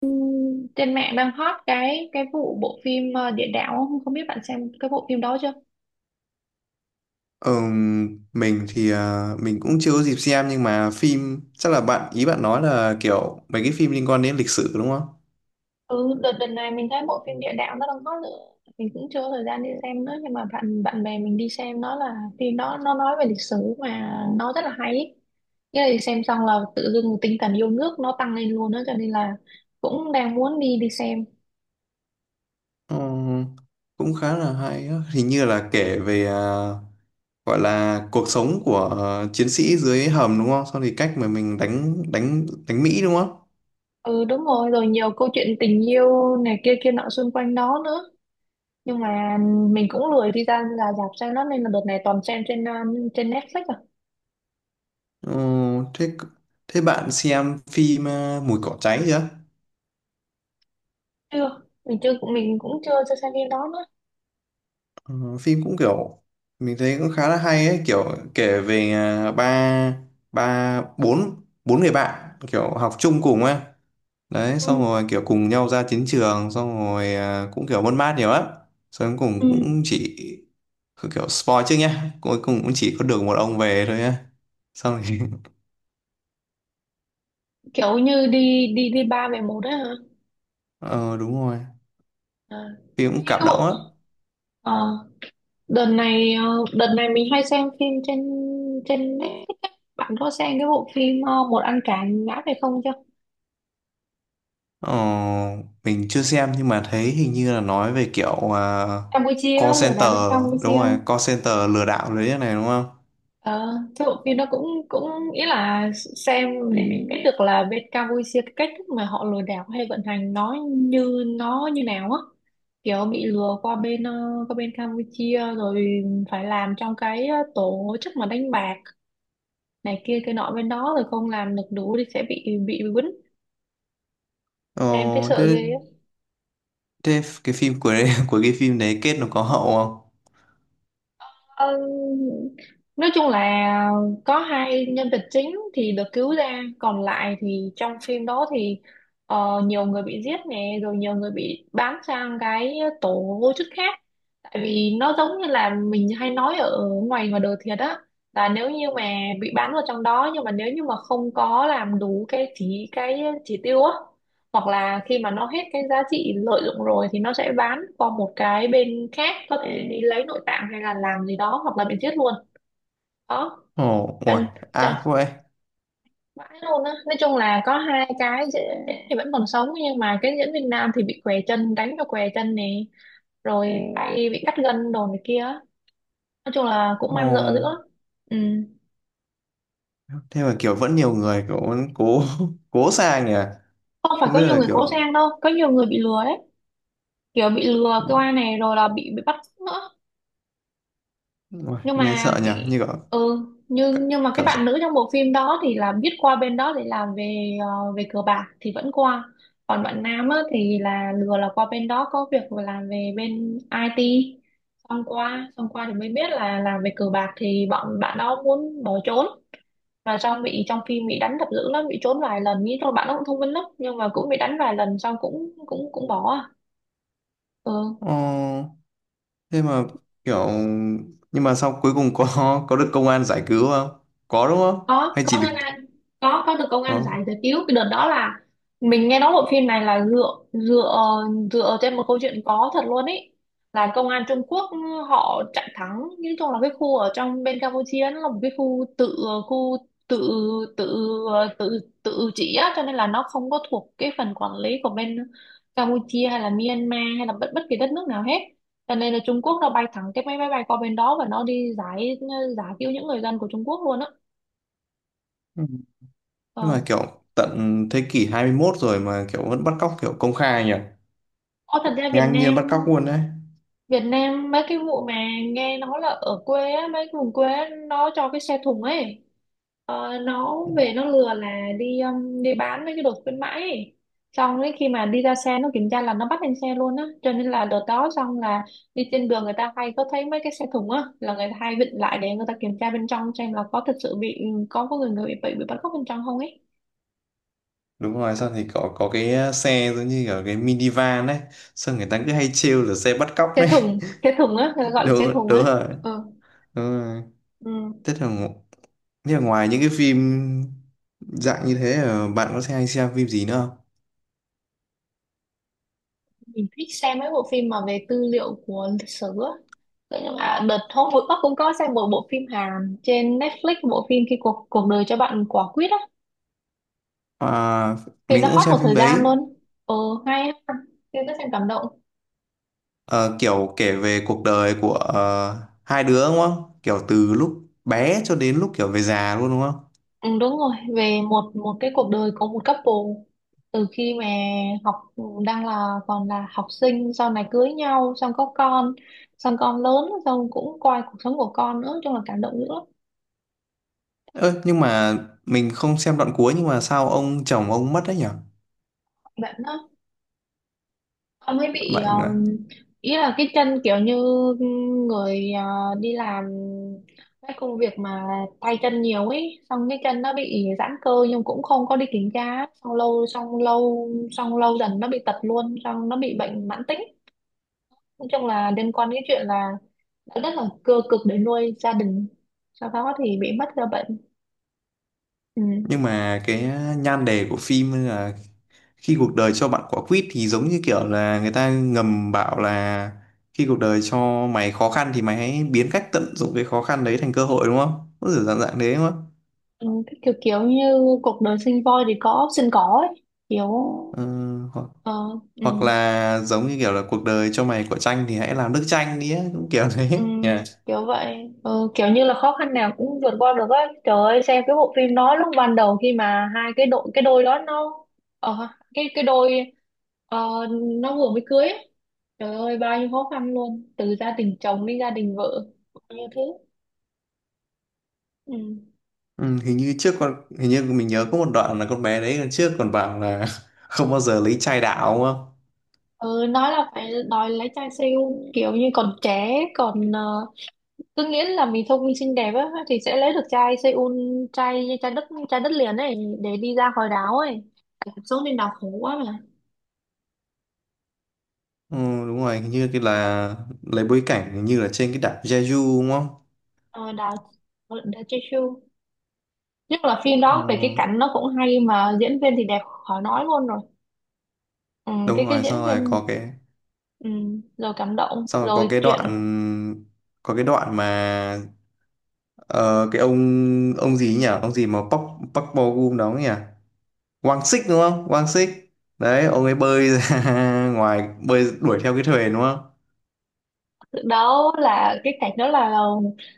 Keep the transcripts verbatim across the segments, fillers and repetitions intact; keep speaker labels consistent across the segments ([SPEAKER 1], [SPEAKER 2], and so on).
[SPEAKER 1] Ừm, Trên mạng đang hot cái cái vụ bộ phim ờ, địa đạo, không không biết bạn xem cái bộ phim đó chưa?
[SPEAKER 2] Ờ, mình thì à, mình cũng chưa có dịp xem nhưng mà phim chắc là bạn ý bạn nói là kiểu mấy cái phim liên quan đến lịch sử đúng không?
[SPEAKER 1] Ừ, đợt đợt này mình thấy bộ phim địa đạo nó đang hot nữa. Mình cũng chưa có thời gian đi xem nữa, nhưng mà bạn bạn bè mình đi xem, nó là phim, nó nó nói về lịch sử mà nó rất là hay ý. Nghĩa là đi xem xong là tự dưng tinh thần yêu nước nó tăng lên luôn đó, cho nên là cũng đang muốn đi đi xem.
[SPEAKER 2] Ờ, cũng khá là hay á. Hình như là kể về à, gọi là cuộc sống của ờ, chiến sĩ dưới hầm đúng không? Xong thì cách mà mình đánh đánh đánh Mỹ đúng không?
[SPEAKER 1] Ừ, đúng rồi rồi nhiều câu chuyện tình yêu này kia kia nọ xung quanh đó nữa, nhưng mà mình cũng lười đi ra ra rạp xem nó, nên là đợt này toàn xem trên ờ, trên Netflix à.
[SPEAKER 2] Ờ, thế thế bạn xem phim à, Mùi cỏ cháy chưa?
[SPEAKER 1] Chưa, mình chưa mình cũng chưa chưa xem phim đó nữa.
[SPEAKER 2] Ờ, phim cũng kiểu mình thấy cũng khá là hay ấy kiểu kể về à, ba ba bốn bốn người bạn kiểu học chung cùng ấy đấy xong
[SPEAKER 1] Ừ.
[SPEAKER 2] rồi kiểu cùng nhau ra chiến trường xong rồi à, cũng kiểu mất mát nhiều lắm xong cuối
[SPEAKER 1] Ừ.
[SPEAKER 2] cùng cũng chỉ kiểu spoil trước nhá cuối cùng cũng chỉ có được một ông về thôi nhá xong rồi
[SPEAKER 1] Kiểu như đi đi đi ba về một đấy hả?
[SPEAKER 2] ờ đúng rồi
[SPEAKER 1] À.
[SPEAKER 2] phim
[SPEAKER 1] Mấy
[SPEAKER 2] cũng
[SPEAKER 1] cái
[SPEAKER 2] cảm động
[SPEAKER 1] bộ,
[SPEAKER 2] á.
[SPEAKER 1] ờ, đợt này, ờ, đợt này mình hay xem phim trên trên Netflix á. Bạn có xem cái bộ phim ờ, một ăn cả ngã về không chưa?
[SPEAKER 2] Ờ, mình chưa xem nhưng mà thấy hình như là nói về kiểu uh, call
[SPEAKER 1] Campuchia, lừa đảo
[SPEAKER 2] center.
[SPEAKER 1] bên
[SPEAKER 2] Đúng
[SPEAKER 1] Campuchia.
[SPEAKER 2] rồi, call center lừa đảo đấy này đúng không?
[SPEAKER 1] Ờ, thế bộ phim đó cũng cũng ý là xem để biết được là bên Campuchia cái cách thức mà họ lừa đảo hay vận hành nó như nó như nào á, kiểu bị lừa qua bên ờ, qua bên Campuchia rồi phải làm trong cái ờ, tổ chức mà đánh bạc này kia cái nọ bên đó, rồi không làm được đủ thì sẽ bị bị quýnh. Em thấy
[SPEAKER 2] Ờ,
[SPEAKER 1] sợ
[SPEAKER 2] thế,
[SPEAKER 1] ghê.
[SPEAKER 2] thế cái phim của đấy, của cái phim đấy kết nó có hậu không?
[SPEAKER 1] Ờ, nói chung là có hai nhân vật chính thì được cứu ra, còn lại thì trong phim đó thì ờ, nhiều người bị giết nè, rồi nhiều người bị bán sang cái tổ vô chức khác. Tại vì nó giống như là mình hay nói ở ngoài ngoài đời thiệt á, là nếu như mà bị bán vào trong đó, nhưng mà nếu như mà không có làm đủ cái chỉ cái chỉ tiêu á, hoặc là khi mà nó hết cái giá trị lợi dụng rồi thì nó sẽ bán qua một cái bên khác, có thể đi lấy nội tạng hay là làm gì đó, hoặc là bị giết luôn đó.
[SPEAKER 2] Ồ, ôi,
[SPEAKER 1] Trần trời,
[SPEAKER 2] ác vậy.
[SPEAKER 1] vãi luôn á, nói chung là có hai cái dễ- thì vẫn còn sống, nhưng mà cái diễn viên nam thì bị què chân, đánh cho què chân nè, rồi tay bị cắt gân đồ này kia, nói chung là cũng man rợ dữ lắm.
[SPEAKER 2] Ồ,
[SPEAKER 1] Ừ.
[SPEAKER 2] thế mà kiểu vẫn nhiều người kiểu vẫn cố cố sang nhỉ?
[SPEAKER 1] Không phải
[SPEAKER 2] Không
[SPEAKER 1] có
[SPEAKER 2] biết
[SPEAKER 1] nhiều
[SPEAKER 2] là
[SPEAKER 1] người
[SPEAKER 2] kiểu
[SPEAKER 1] cố sang đâu, có nhiều người bị lừa đấy, kiểu bị lừa qua này rồi là bị bị bắt nữa.
[SPEAKER 2] ôi,
[SPEAKER 1] nhưng
[SPEAKER 2] nghe sợ
[SPEAKER 1] mà
[SPEAKER 2] nhỉ? Như
[SPEAKER 1] cái-
[SPEAKER 2] kiểu
[SPEAKER 1] ừ, nhưng
[SPEAKER 2] cả-
[SPEAKER 1] nhưng mà cái
[SPEAKER 2] cảm giác.
[SPEAKER 1] bạn nữ trong bộ phim đó thì là biết qua bên đó để làm về ờ, về cờ bạc thì vẫn qua. Còn bạn nam á, thì là lừa là qua bên đó có việc làm về bên ai ti, xong qua xong qua thì mới biết là làm về cờ bạc, thì bọn bạn đó muốn bỏ trốn, mà xong bị, trong phim bị đánh đập dữ lắm, bị trốn vài lần, nghĩ thôi bạn nó cũng thông minh lắm, nhưng mà cũng bị đánh vài lần xong cũng cũng cũng bỏ à. Ừ.
[SPEAKER 2] Ồ. Thế mà kiểu nhưng mà sau cuối cùng có có được công an giải cứu không, có đúng không,
[SPEAKER 1] có
[SPEAKER 2] hay chỉ
[SPEAKER 1] có Ngân
[SPEAKER 2] được
[SPEAKER 1] Anh, có có được công
[SPEAKER 2] có.
[SPEAKER 1] an giải giải cứu. Cái đợt đó là mình nghe nói bộ phim này là dựa dựa dựa trên một câu chuyện có thật luôn ấy, là công an Trung Quốc họ chặn thắng. Nói chung là cái khu ở trong bên Campuchia, nó là một cái khu tự, khu tự tự tự tự trị á, cho nên là nó không có thuộc cái phần quản lý của bên Campuchia hay là Myanmar hay là bất bất kỳ đất nước nào hết, cho nên là Trung Quốc nó bay thẳng cái máy bay bay qua bên đó và nó đi giải giải cứu những người dân của Trung Quốc luôn á.
[SPEAKER 2] Ừ. Nhưng
[SPEAKER 1] Ờ.
[SPEAKER 2] mà kiểu tận thế kỷ hai mươi mốt rồi mà kiểu vẫn bắt cóc kiểu công khai nhỉ,
[SPEAKER 1] Ô, thật ra Việt
[SPEAKER 2] ngang nhiên
[SPEAKER 1] Nam,
[SPEAKER 2] bắt cóc luôn đấy.
[SPEAKER 1] Việt Nam mấy cái vụ mà nghe nói là ở quê á, mấy cái vùng quê á, nó cho cái xe thùng ấy, ờ, nó về nó lừa là đi um, đi bán mấy cái đồ khuyến mãi ấy. Xong ấy khi mà đi ra xe nó kiểm tra là nó bắt lên xe luôn á, cho nên là đợt đó xong là đi trên đường người ta hay có thấy mấy cái xe thùng á, là người ta hay vịn lại để người ta kiểm tra bên trong, xem là có thật sự bị, có có người người bị bị, bị bắt cóc bên trong không ấy.
[SPEAKER 2] Đúng rồi sao thì có có cái ờ, xe giống như kiểu cái minivan đấy, sao người ta cứ hay trêu là xe bắt cóc
[SPEAKER 1] xe
[SPEAKER 2] đấy.
[SPEAKER 1] thùng xe thùng á, người ta
[SPEAKER 2] đúng
[SPEAKER 1] gọi là xe thùng á.
[SPEAKER 2] đúng rồi.
[SPEAKER 1] Ừ.
[SPEAKER 2] Đúng rồi.
[SPEAKER 1] Ừ.
[SPEAKER 2] thế là ngo- Thế là ngoài những cái phim dạng như thế ờ, bạn có hay xem phim gì nữa không?
[SPEAKER 1] Mình thích xem mấy bộ phim mà về tư liệu của lịch sử á. Thế nhưng mà, ờ, đợt hôm vừa cũng có xem một bộ phim Hàn trên Netflix, bộ phim khi cuộc cuộc đời cho bạn quả quýt á,
[SPEAKER 2] À,
[SPEAKER 1] thì
[SPEAKER 2] mình
[SPEAKER 1] nó
[SPEAKER 2] cũng
[SPEAKER 1] hot
[SPEAKER 2] xem
[SPEAKER 1] một
[SPEAKER 2] phim
[SPEAKER 1] thời gian
[SPEAKER 2] đấy.
[SPEAKER 1] luôn. Ờ, hay á, tôi có xem, cảm động.
[SPEAKER 2] Ờ, kiểu kể về cuộc đời của ờ, hai đứa đúng không? Kiểu từ lúc bé cho đến lúc kiểu về già luôn đúng không?
[SPEAKER 1] Ừ, đúng rồi, về một một cái cuộc đời của một couple, từ khi mà học, đang là còn là học sinh, sau này cưới nhau xong có con, xong con lớn, xong cũng coi cuộc sống của con nữa, nói chung là cảm động dữ lắm.
[SPEAKER 2] Ơ nhưng mà mình không xem đoạn cuối nhưng mà sao ông chồng ông mất đấy nhỉ?
[SPEAKER 1] Bạn nó, ông ấy bị
[SPEAKER 2] Bạn à?
[SPEAKER 1] um, ý là cái chân kiểu như, người ờ, đi làm cái công việc mà tay chân nhiều ấy, xong cái chân nó bị giãn cơ nhưng cũng không có đi kiểm tra, xong lâu xong lâu xong lâu dần nó bị tật luôn, xong nó bị bệnh mãn tính. Nói chung là liên quan đến chuyện là đã rất là cơ cực để nuôi gia đình, sau đó thì bị mất ra bệnh. Ừ.
[SPEAKER 2] Nhưng mà cái nhan đề của phim là khi cuộc đời cho bạn quả quýt thì giống như kiểu là người ta ngầm bảo là khi cuộc đời cho mày khó khăn thì mày hãy biến cách tận dụng cái khó khăn đấy thành cơ hội đúng không? Có kiểu dạng dạng thế đúng không?
[SPEAKER 1] Ừ, cái kiểu kiểu như cuộc đời sinh voi thì có sinh cỏ ấy, kiểu,
[SPEAKER 2] Ờ,
[SPEAKER 1] ờ, ừ.
[SPEAKER 2] hoặc là giống như kiểu là cuộc đời cho mày quả chanh thì hãy làm nước chanh đi á cũng kiểu thế
[SPEAKER 1] Ừ,
[SPEAKER 2] nha.
[SPEAKER 1] kiểu vậy, ừ, kiểu như là khó khăn nào cũng vượt qua được á. Trời ơi, xem cái bộ phim đó lúc ban đầu khi mà hai cái đội cái đôi đó nó, ờ, cái cái đôi, ờ, nó vừa mới cưới ấy. Trời ơi, bao nhiêu khó khăn luôn, từ gia đình chồng đến gia đình vợ, bao nhiêu thứ. Ừ.
[SPEAKER 2] Ừ, hình như trước con hình như mình nhớ có một đoạn là con bé đấy trước còn bảo là không bao giờ lấy chai đảo đúng không.
[SPEAKER 1] Ừ, nói là phải đòi lấy trai siêu, kiểu như còn trẻ còn, ờ, cứ nghĩ là mình thông minh xinh đẹp á thì sẽ lấy được trai Seoul, trai trai đất trai đất liền ấy, để đi ra khỏi đảo ấy, cuộc sống trên đảo khổ quá mà.
[SPEAKER 2] Ừ, đúng rồi hình như cái là lấy bối cảnh hình như là trên cái đảo Jeju đúng không.
[SPEAKER 1] Ờ, đảo, đảo Jeju. Nhất là phim đó về cái
[SPEAKER 2] Ừ,
[SPEAKER 1] cảnh nó cũng hay, mà diễn viên thì đẹp khỏi nói luôn rồi. Ừ, cái
[SPEAKER 2] đúng
[SPEAKER 1] cái
[SPEAKER 2] rồi
[SPEAKER 1] diễn
[SPEAKER 2] sau rồi
[SPEAKER 1] viên.
[SPEAKER 2] có cái
[SPEAKER 1] Ừ, rồi cảm động,
[SPEAKER 2] sau rồi có
[SPEAKER 1] rồi
[SPEAKER 2] cái
[SPEAKER 1] chuyện.
[SPEAKER 2] đoạn có cái đoạn mà ờ, cái ông ông gì nhỉ ông gì mà Park Park Bo Gum đóng nhỉ, Quang Sích đúng không? Quang Sích. Đấy, ông ấy bơi ra ngoài bơi đuổi theo cái thuyền đúng không?
[SPEAKER 1] Đâu là cái cảnh đó là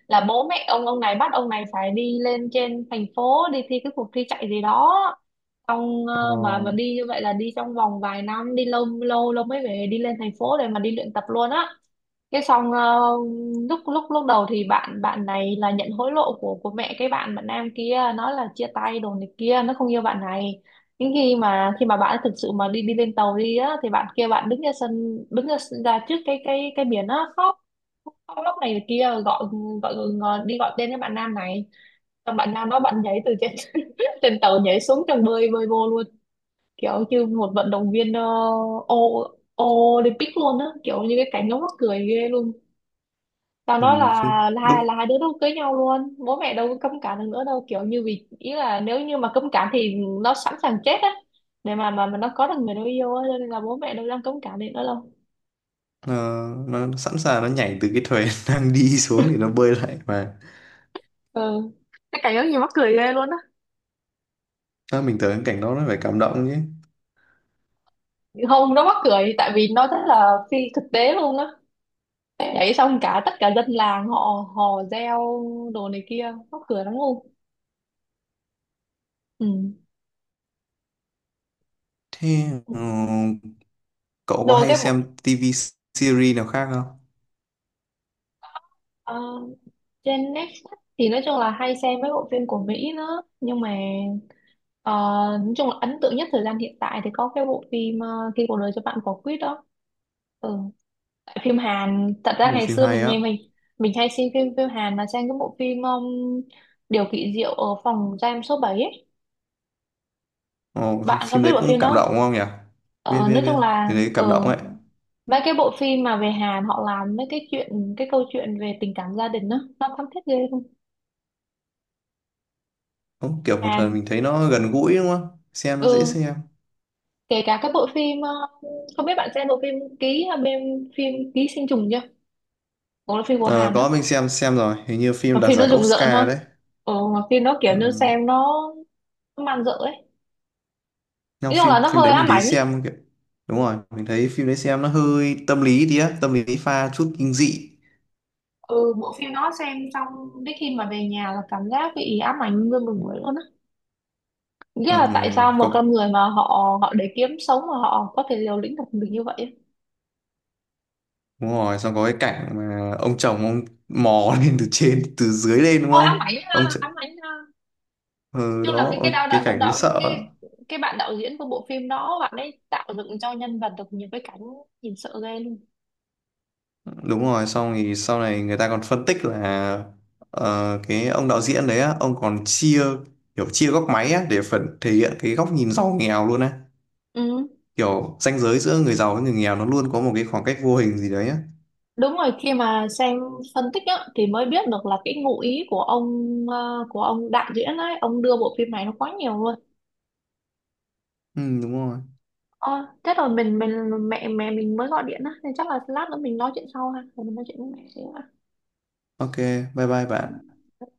[SPEAKER 1] là bố mẹ ông ông này bắt ông này phải đi lên trên thành phố đi thi cái cuộc thi chạy gì đó, xong
[SPEAKER 2] Ờ,
[SPEAKER 1] ờ, mà mà đi như vậy là đi trong vòng vài năm, đi lâu lâu lâu mới về, đi lên thành phố để mà đi luyện tập luôn á. Cái xong ờ, lúc lúc lúc đầu thì bạn bạn này là nhận hối lộ của của mẹ cái bạn bạn nam kia, nói là chia tay đồ này kia, nó không yêu bạn này. Nhưng khi mà khi mà bạn ấy thực sự mà đi đi lên tàu đi á, thì bạn kia, bạn đứng ra sân, đứng ra, ra trước cái cái cái biển á khóc, khóc lóc này kia, gọi gọi, gọi đi gọi tên cái bạn nam này, xong bạn nam đó bạn nhảy từ trên trên tàu nhảy xuống trong, bơi bơi vô luôn, kiểu như một vận động viên uh, Olympic luôn á, kiểu như cái cảnh nó mắc cười ghê luôn. Tao
[SPEAKER 2] ừ,
[SPEAKER 1] nói là,
[SPEAKER 2] không
[SPEAKER 1] là
[SPEAKER 2] lúc
[SPEAKER 1] hai là hai đứa nó cưới nhau luôn, bố mẹ đâu có cấm cản được nữa đâu, kiểu như vì ý là nếu như mà cấm cản thì nó sẵn sàng chết á, để mà mà mà nó có được người nó yêu á, cho nên là bố mẹ đâu đang cấm cản được nữa đâu.
[SPEAKER 2] ờ, nó sẵn sàng nó nhảy từ cái thuyền đang đi xuống thì nó bơi lại mà.
[SPEAKER 1] Ừ, cái cảnh đó gì mắc cười ghê luôn á.
[SPEAKER 2] Đó, mình tưởng cái cảnh đó nó phải cảm động chứ.
[SPEAKER 1] Không, nó mắc cười tại vì nó rất là phi thực tế luôn á, nhảy xong cả tất cả dân làng họ hò reo đồ này kia, mắc cười lắm luôn. Ừ.
[SPEAKER 2] Thế ờ, cậu có
[SPEAKER 1] rồi
[SPEAKER 2] hay
[SPEAKER 1] cái bộ-
[SPEAKER 2] xem ti vi series nào khác không?
[SPEAKER 1] Ờ, trên Netflix thì nói chung là hay xem mấy bộ phim của Mỹ nữa, nhưng mà ờ, nói chung là ấn tượng nhất thời gian hiện tại thì có cái bộ phim uh, Khi cuộc đời cho bạn quả quýt đó. Ừ. Tại phim Hàn thật ra
[SPEAKER 2] Một
[SPEAKER 1] ngày
[SPEAKER 2] phim
[SPEAKER 1] xưa
[SPEAKER 2] hay
[SPEAKER 1] mình
[SPEAKER 2] á.
[SPEAKER 1] nghe, mình mình hay xem phim, phim Hàn mà xem cái bộ phim um, Điều kỳ diệu ở phòng giam số bảy ấy,
[SPEAKER 2] Ồ, phim
[SPEAKER 1] bạn có
[SPEAKER 2] phim
[SPEAKER 1] biết
[SPEAKER 2] đấy
[SPEAKER 1] bộ
[SPEAKER 2] cũng
[SPEAKER 1] phim
[SPEAKER 2] cảm
[SPEAKER 1] đó
[SPEAKER 2] động
[SPEAKER 1] không?
[SPEAKER 2] đúng không nhỉ? Biết
[SPEAKER 1] Ờ,
[SPEAKER 2] biết
[SPEAKER 1] nói
[SPEAKER 2] biết.
[SPEAKER 1] chung là,
[SPEAKER 2] Cái đấy cảm động
[SPEAKER 1] ờ,
[SPEAKER 2] ấy.
[SPEAKER 1] mấy cái bộ phim mà về Hàn họ làm mấy cái chuyện, cái câu chuyện về tình cảm gia đình đó, nó thấm thiết ghê không.
[SPEAKER 2] Đúng, kiểu một lần
[SPEAKER 1] Hàn.
[SPEAKER 2] mình thấy nó gần gũi đúng không? Xem nó dễ
[SPEAKER 1] Ừ,
[SPEAKER 2] xem.
[SPEAKER 1] kể cả các bộ phim, ờ, không biết bạn xem bộ phim ký, hay bên phim ký sinh trùng chưa, cũng là phim của
[SPEAKER 2] Ờ,
[SPEAKER 1] Hàn á,
[SPEAKER 2] có mình xem xem rồi hình như
[SPEAKER 1] mà
[SPEAKER 2] phim đạt
[SPEAKER 1] phim nó
[SPEAKER 2] giải
[SPEAKER 1] rùng rợn ha.
[SPEAKER 2] Oscar đấy.
[SPEAKER 1] Ừ, mà phim nó kiểu
[SPEAKER 2] Ừ.
[SPEAKER 1] như xem nó, nó man rợ ấy,
[SPEAKER 2] Nhưng
[SPEAKER 1] nói chung là
[SPEAKER 2] phim
[SPEAKER 1] nó
[SPEAKER 2] phim
[SPEAKER 1] hơi
[SPEAKER 2] đấy mình
[SPEAKER 1] ám
[SPEAKER 2] thấy
[SPEAKER 1] ảnh ấy.
[SPEAKER 2] xem kiểu đúng rồi mình thấy phim đấy xem nó hơi tâm lý tí á, tâm lý pha chút kinh dị.
[SPEAKER 1] Ừ, bộ phim nó xem xong đến khi mà về nhà là cảm giác bị ám ảnh nguyên một buổi luôn á. Nghĩa
[SPEAKER 2] Ừ.
[SPEAKER 1] là tại sao một
[SPEAKER 2] Có
[SPEAKER 1] con người mà họ họ để kiếm sống mà họ có thể liều lĩnh được mình như vậy ấy.
[SPEAKER 2] đúng rồi xong có cái cảnh mà ông chồng ông mò lên từ trên từ dưới lên đúng
[SPEAKER 1] Ôi ám
[SPEAKER 2] không,
[SPEAKER 1] ảnh ha,
[SPEAKER 2] ông ch...
[SPEAKER 1] ám ảnh ha.
[SPEAKER 2] ừ,
[SPEAKER 1] Chung là
[SPEAKER 2] đó
[SPEAKER 1] cái cái đạo
[SPEAKER 2] ông- cái
[SPEAKER 1] đạo đạo,
[SPEAKER 2] cảnh đấy
[SPEAKER 1] đạo
[SPEAKER 2] sợ lắm.
[SPEAKER 1] cái cái bạn đạo diễn của bộ phim đó, bạn ấy tạo dựng cho nhân vật được nhiều cái cảnh nhìn sợ ghê luôn.
[SPEAKER 2] Đúng rồi xong thì sau này người ta còn phân tích là ờ, cái ông đạo diễn đấy á ông còn chia kiểu chia góc máy á để phần thể hiện cái góc nhìn giàu nghèo luôn á,
[SPEAKER 1] Ừ.
[SPEAKER 2] kiểu ranh giới giữa người giàu với người nghèo nó luôn có một cái khoảng cách vô hình gì đấy á.
[SPEAKER 1] Đúng rồi, khi mà xem phân tích á, thì mới biết được là cái ngụ ý của ông, ờ, của ông đạo diễn ấy, ông đưa bộ phim này nó quá nhiều luôn.
[SPEAKER 2] Ừ đúng rồi.
[SPEAKER 1] Ờ, thế rồi mình mình, mẹ mẹ mình mới gọi điện á, nên chắc là lát nữa mình nói chuyện sau ha, rồi mình nói chuyện với mẹ xíu
[SPEAKER 2] Ok, bye bye bạn.
[SPEAKER 1] ha.